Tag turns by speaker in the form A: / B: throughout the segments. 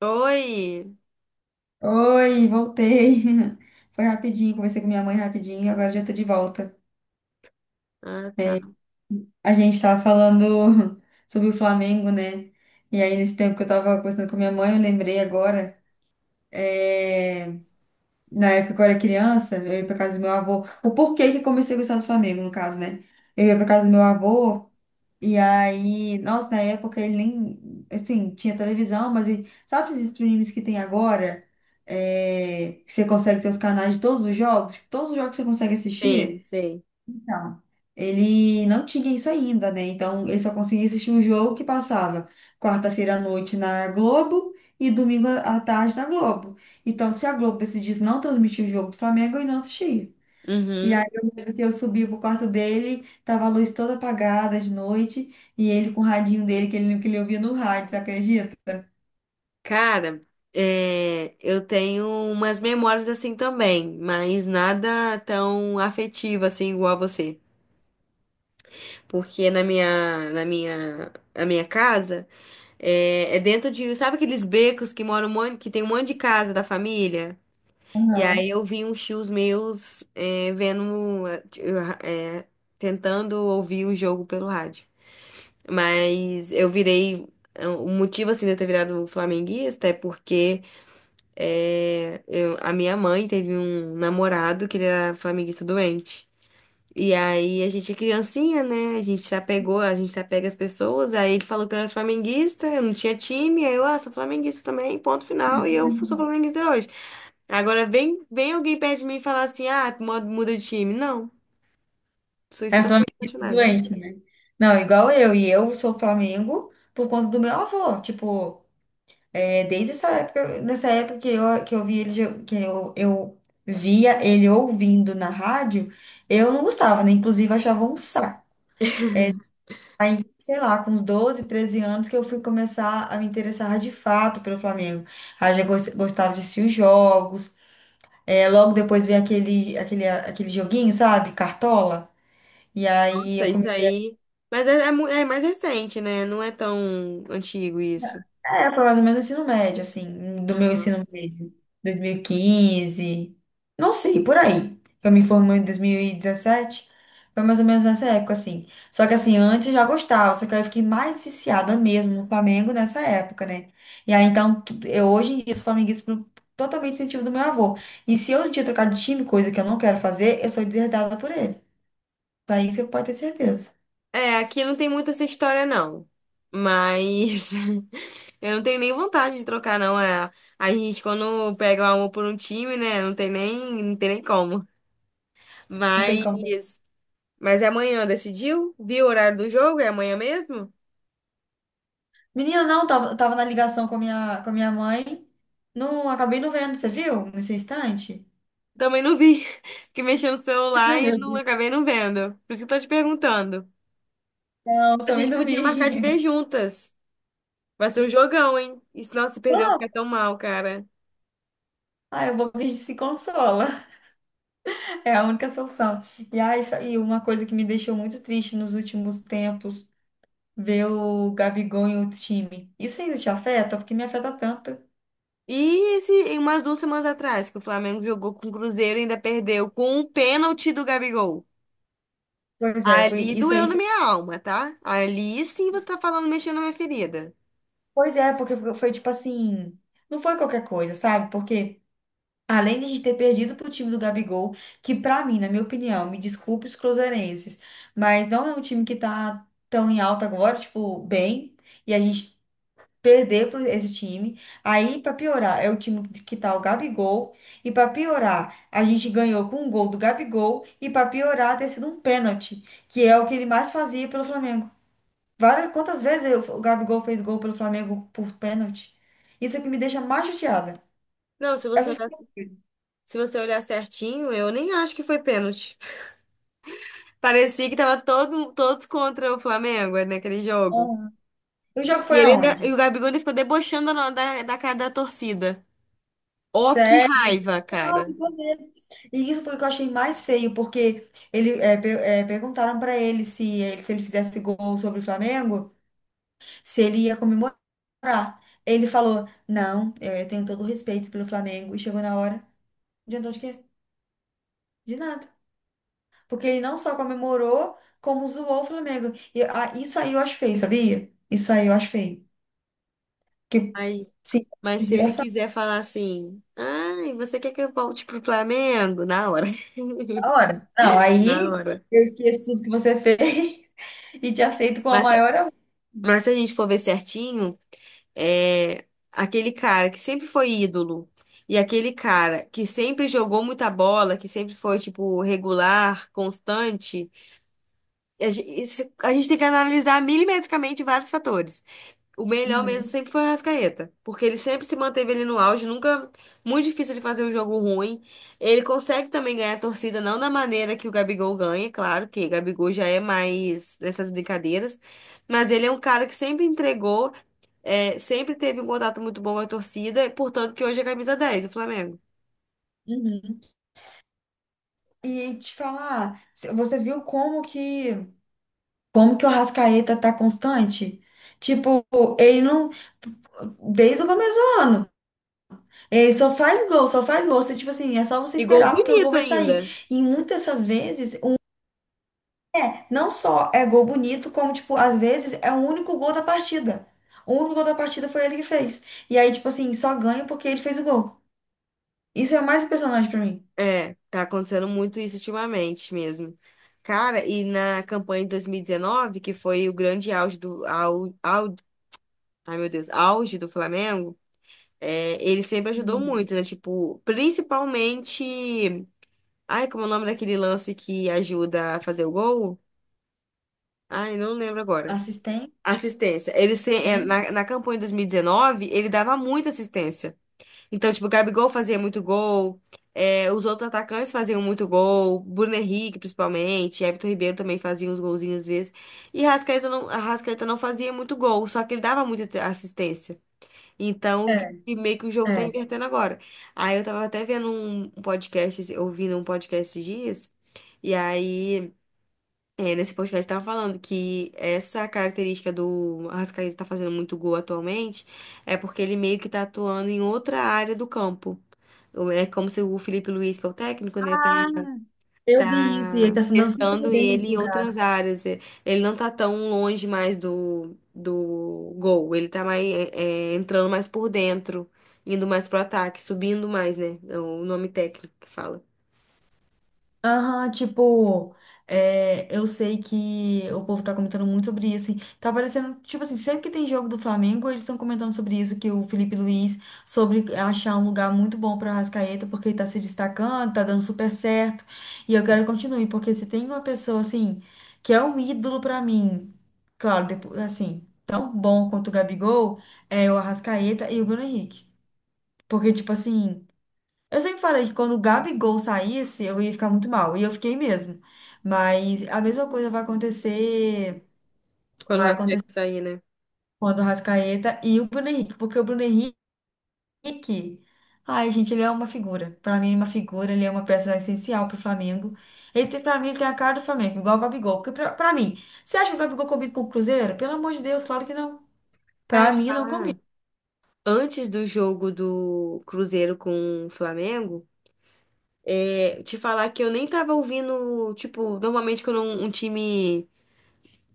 A: Oi!
B: Oi, voltei. Foi rapidinho, conversei com minha mãe rapidinho, agora já tô de volta.
A: Ah, tá.
B: A gente tava falando sobre o Flamengo, né? E aí, nesse tempo que eu tava conversando com minha mãe, eu lembrei agora, é, na época que eu era criança, eu ia pra casa do meu avô. O porquê que eu comecei a gostar do Flamengo, no caso, né? Eu ia pra casa do meu avô. E aí, nossa, na época ele nem, assim, tinha televisão, mas sabe esses streams que tem agora? É, que você consegue ter os canais de todos os jogos, tipo, todos os jogos que você consegue
A: Sim,
B: assistir?
A: sei.
B: Então, ele não tinha isso ainda, né? Então, ele só conseguia assistir o jogo que passava quarta-feira à noite na Globo e domingo à tarde na Globo. Então, se a Globo decidisse não transmitir o jogo do Flamengo, ele não assistia. E aí
A: Uhum.
B: eu lembro que eu subi pro quarto dele, tava a luz toda apagada de noite, e ele com o radinho dele, que ele ouvia no rádio, você acredita?
A: Cara, eu tenho umas memórias assim também, mas nada tão afetivo assim igual a você. Porque na minha casa, é dentro de, sabe aqueles becos que moram um monte, que tem um monte de casa da família? E
B: Aham.
A: aí eu vi uns tios meus vendo, é, tentando ouvir o jogo pelo rádio. Mas eu virei. O motivo, assim, de eu ter virado flamenguista é porque a minha mãe teve um namorado que ele era flamenguista doente. E aí a gente é criancinha, né? A gente se apegou, a gente se apega às pessoas. Aí ele falou que eu era flamenguista, eu não tinha time. Aí eu, ah, sou flamenguista também, ponto final. E eu sou flamenguista hoje. Agora vem alguém perto de mim e falar assim, ah, muda de time. Não, sou
B: É Flamengo
A: extremamente apaixonada.
B: doente, né? Não, igual eu, e eu sou Flamengo por conta do meu avô, tipo, desde essa época, nessa época que eu vi ele, eu via ele ouvindo na rádio, eu não gostava, né? Inclusive eu achava um saco. Aí, sei lá, com uns 12 13 anos que eu fui começar a me interessar de fato pelo Flamengo. Aí eu já gostava de assistir os jogos. É, logo depois veio aquele joguinho, sabe? Cartola. E aí eu
A: Isso aí. Mas é mais recente, né? Não é tão antigo isso.
B: é, foi mais ou menos o ensino médio, assim, do meu
A: Aham.
B: ensino médio, 2015, não sei, por aí. Eu me formei em 2017, foi mais ou menos nessa época, assim. Só que, assim, antes eu já gostava, só que eu fiquei mais viciada mesmo no Flamengo nessa época, né? E aí, então, eu hoje em dia sou flamenguista por totalmente incentivo do meu avô. E se eu um dia trocar de time, coisa que eu não quero fazer, eu sou deserdada por ele. Daí você pode ter certeza.
A: É, aqui não tem muito essa história, não. Mas eu não tenho nem vontade de trocar, não. É, a gente, quando pega o amor por um time, né? Não tem nem como.
B: Não tem como.
A: Mas, mas é amanhã, decidiu? Viu o horário do jogo? É amanhã mesmo?
B: Menina, não, tava na ligação com a minha mãe. Não, acabei não vendo, você viu? Nesse instante?
A: Também não vi. Fiquei mexendo no
B: Ah,
A: celular e
B: meu
A: não
B: Deus.
A: acabei não vendo. Por isso que eu tô te perguntando.
B: Não,
A: A
B: também
A: gente
B: não
A: podia marcar de
B: vi.
A: ver juntas. Vai ser um jogão, hein? E se não se perder, eu vou
B: Ah,
A: ficar tão mal, cara.
B: ah, eu vou ver se consola. É a única solução. E, ah, isso, e uma coisa que me deixou muito triste nos últimos tempos, ver o Gabigol em outro time. Isso ainda te afeta? Porque me afeta tanto.
A: E esse, e umas duas semanas atrás, que o Flamengo jogou com o Cruzeiro e ainda perdeu com um pênalti do Gabigol.
B: Pois é, foi
A: Ali
B: isso
A: doeu
B: aí.
A: na minha alma, tá? Ali sim você tá falando mexendo na minha ferida.
B: Pois é, porque foi tipo assim, não foi qualquer coisa, sabe? Porque além de a gente ter perdido para o time do Gabigol, que pra mim, na minha opinião, me desculpe os cruzeirenses, mas não é um time que tá tão em alta agora, tipo, bem, e a gente perder para esse time. Aí, pra piorar, é o time que tá o Gabigol, e pra piorar, a gente ganhou com um gol do Gabigol, e pra piorar, ter sido um pênalti, que é o que ele mais fazia pelo Flamengo. Várias, quantas vezes o Gabigol fez gol pelo Flamengo por pênalti? Isso é o que me deixa mais chateada.
A: Não,
B: Essas coisas.
A: se você olhar certinho, eu nem acho que foi pênalti. Parecia que tava todos contra o Flamengo né, naquele jogo.
B: O jogo foi aonde?
A: E o Gabigol ele ficou debochando da cara da torcida. Ó, que
B: Sério?
A: raiva,
B: Não,
A: cara.
B: ficou mesmo. E isso foi o que eu achei mais feio, porque ele, perguntaram para ele se, ele se ele fizesse gol sobre o Flamengo, se ele ia comemorar. Ele falou: Não, é, eu tenho todo o respeito pelo Flamengo. E chegou na hora, adiantou de quê? De nada. Porque ele não só comemorou, como zoou o Flamengo. E, ah, isso aí eu acho feio, sabia? Isso aí eu acho feio. Que,
A: Ai,
B: sim,
A: Mas se ele
B: consideração
A: quiser falar assim, ai, você quer que eu volte pro Flamengo? Na hora.
B: na hora. Não,
A: Na
B: aí
A: hora.
B: eu esqueço tudo que você fez. E te aceito com a
A: Mas, se-
B: maior amor.
A: mas se a gente for ver certinho, aquele cara que sempre foi ídolo e aquele cara que sempre jogou muita bola, que sempre foi, tipo, regular, constante, a gente tem que analisar milimetricamente vários fatores. O melhor mesmo
B: Uhum,
A: sempre foi o Arrascaeta, porque ele sempre se manteve ali no auge, nunca muito difícil de fazer um jogo ruim. Ele consegue também ganhar a torcida, não da maneira que o Gabigol ganha, claro que o Gabigol já é mais nessas brincadeiras, mas ele é um cara que sempre entregou, sempre teve um contato muito bom com a torcida, e, portanto que hoje é camisa dez do Flamengo.
B: uhum. E te falar, você viu como que o Arrascaeta tá constante? Tipo, ele não desde o começo do ano. Ele só faz gol, só faz gol. Você, tipo assim, é só você
A: E gol
B: esperar porque o gol
A: bonito
B: vai sair.
A: ainda.
B: E muitas dessas vezes, não só é gol bonito, como, tipo, às vezes é o único gol da partida. O único gol da partida foi ele que fez. E aí, tipo assim, só ganha porque ele fez o gol. Isso é o mais impressionante pra mim.
A: É, tá acontecendo muito isso ultimamente mesmo. Cara, e na campanha de 2019, que foi o grande auge do, ai meu Deus, auge do Flamengo, ele sempre ajudou
B: Hum.
A: muito, né? Tipo, principalmente. Ai, como é o nome daquele lance que ajuda a fazer o gol? Ai, não lembro agora.
B: Assistência,
A: Assistência. Ele se- é,
B: assistência.
A: na, na campanha de 2019, ele dava muita assistência. Então, tipo, o Gabigol fazia muito gol, os outros atacantes faziam muito gol, Bruno Henrique, principalmente, Everton Ribeiro também fazia uns golzinhos às vezes. E Rascaeta não fazia muito gol, só que ele dava muita assistência.
B: É,
A: E meio que o jogo tá
B: é.
A: invertendo agora. Aí eu tava até vendo ouvindo um podcast esses dias, e aí, nesse podcast tava falando que essa característica do Arrascaeta tá fazendo muito gol atualmente é porque ele meio que tá atuando em outra área do campo. É como se o Felipe Luiz, que é o técnico, né, tá
B: Eu vi isso e ele
A: tá
B: tá se dando super
A: testando
B: bem
A: ele
B: nesse
A: em
B: lugar.
A: outras áreas. É, ele não tá tão longe mais do gol, ele tá mais, entrando mais por dentro, indo mais pro ataque, subindo mais, né? É o nome técnico que fala.
B: Aham, tipo, é, eu sei que o povo tá comentando muito sobre isso. E tá parecendo, tipo assim, sempre que tem jogo do Flamengo, eles estão comentando sobre isso, que o Felipe Luiz, sobre achar um lugar muito bom pra Arrascaeta, porque ele tá se destacando, tá dando super certo. E eu quero que continue, porque se tem uma pessoa, assim, que é um ídolo pra mim, claro, depois, assim, tão bom quanto o Gabigol, é o Arrascaeta e o Bruno Henrique. Porque, tipo assim. Eu sempre falei que quando o Gabigol saísse, eu ia ficar muito mal. E eu fiquei mesmo. Mas a mesma coisa vai acontecer,
A: Quando o
B: vai
A: Rascaeta
B: acontecer
A: sair, né?
B: quando o Rascaeta e o Bruno Henrique, porque o Bruno Henrique, ai, gente, ele é uma figura. Pra mim, ele é uma figura, ele é uma peça essencial pro Flamengo. Ele tem, pra mim, ele tem a cara do Flamengo, igual o Gabigol. Porque pra mim, você acha que o Gabigol combina com o Cruzeiro? Pelo amor de Deus, claro que não.
A: Cara,
B: Pra
A: te
B: mim, não combina.
A: falar, antes do jogo do Cruzeiro com o Flamengo, te falar que eu nem tava ouvindo, tipo, normalmente quando um time.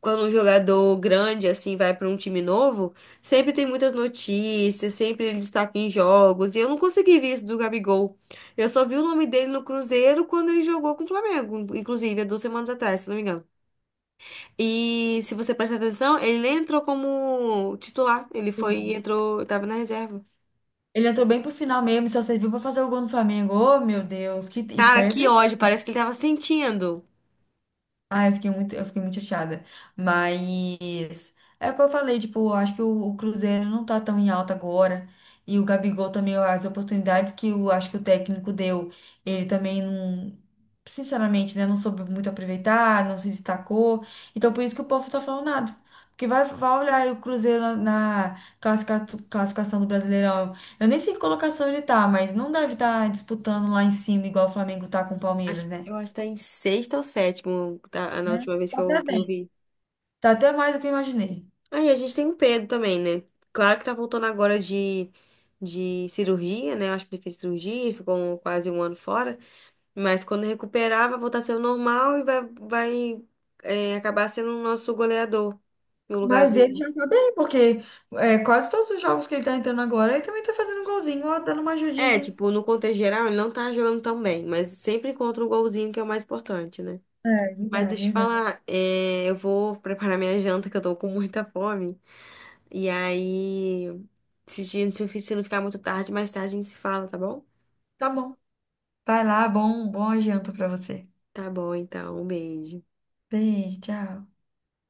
A: Quando um jogador grande assim vai para um time novo, sempre tem muitas notícias, sempre ele destaca em jogos, e eu não consegui ver isso do Gabigol. Eu só vi o nome dele no Cruzeiro quando ele jogou com o Flamengo, inclusive, há duas semanas atrás, se não me engano. E se você prestar atenção, ele nem entrou como titular, entrou, tava na reserva.
B: Ele entrou bem pro final mesmo, e só serviu pra fazer o gol no Flamengo. Ô, meu Deus, que isso
A: Cara,
B: aí é
A: que
B: triste.
A: ódio, parece que ele tava sentindo.
B: Ah, eu fiquei muito chateada. Mas é o que eu falei, tipo, eu acho que o Cruzeiro não tá tão em alta agora. E o Gabigol também, as oportunidades que eu acho que o técnico deu, ele também não, sinceramente, né, não soube muito aproveitar, não se destacou. Então por isso que o povo tá falando nada. Porque vai, vai olhar aí o Cruzeiro na classificação do Brasileirão. Eu nem sei que colocação ele tá, mas não deve estar disputando lá em cima, igual o Flamengo tá com o Palmeiras,
A: Acho,
B: né?
A: eu acho que tá em sexta ou sétimo, tá,
B: É.
A: na última vez
B: Tá até
A: que eu
B: bem.
A: vi.
B: Tá até mais do que eu imaginei.
A: Aí a gente tem o Pedro também, né? Claro que tá voltando agora de cirurgia, né? Eu acho que ele fez cirurgia, ficou quase um ano fora. Mas quando recuperar, vai voltar a ser o normal e vai acabar sendo o nosso goleador no lugar
B: Mas ele
A: do.
B: já tá bem, porque é, quase todos os jogos que ele tá entrando agora, ele também tá fazendo um golzinho, ó, dando uma
A: É,
B: ajudinha.
A: tipo, no contexto geral, ele não tá jogando tão bem, mas sempre encontra um golzinho que é o mais importante, né?
B: É,
A: Mas
B: verdade,
A: deixa eu te
B: verdade.
A: falar, eu vou preparar minha janta, que eu tô com muita fome. E aí, se não ficar muito tarde, mais tarde a gente se fala, tá bom?
B: Tá bom. Vai lá, bom, bom janta pra você.
A: Tá bom, então. Um beijo.
B: Beijo, tchau.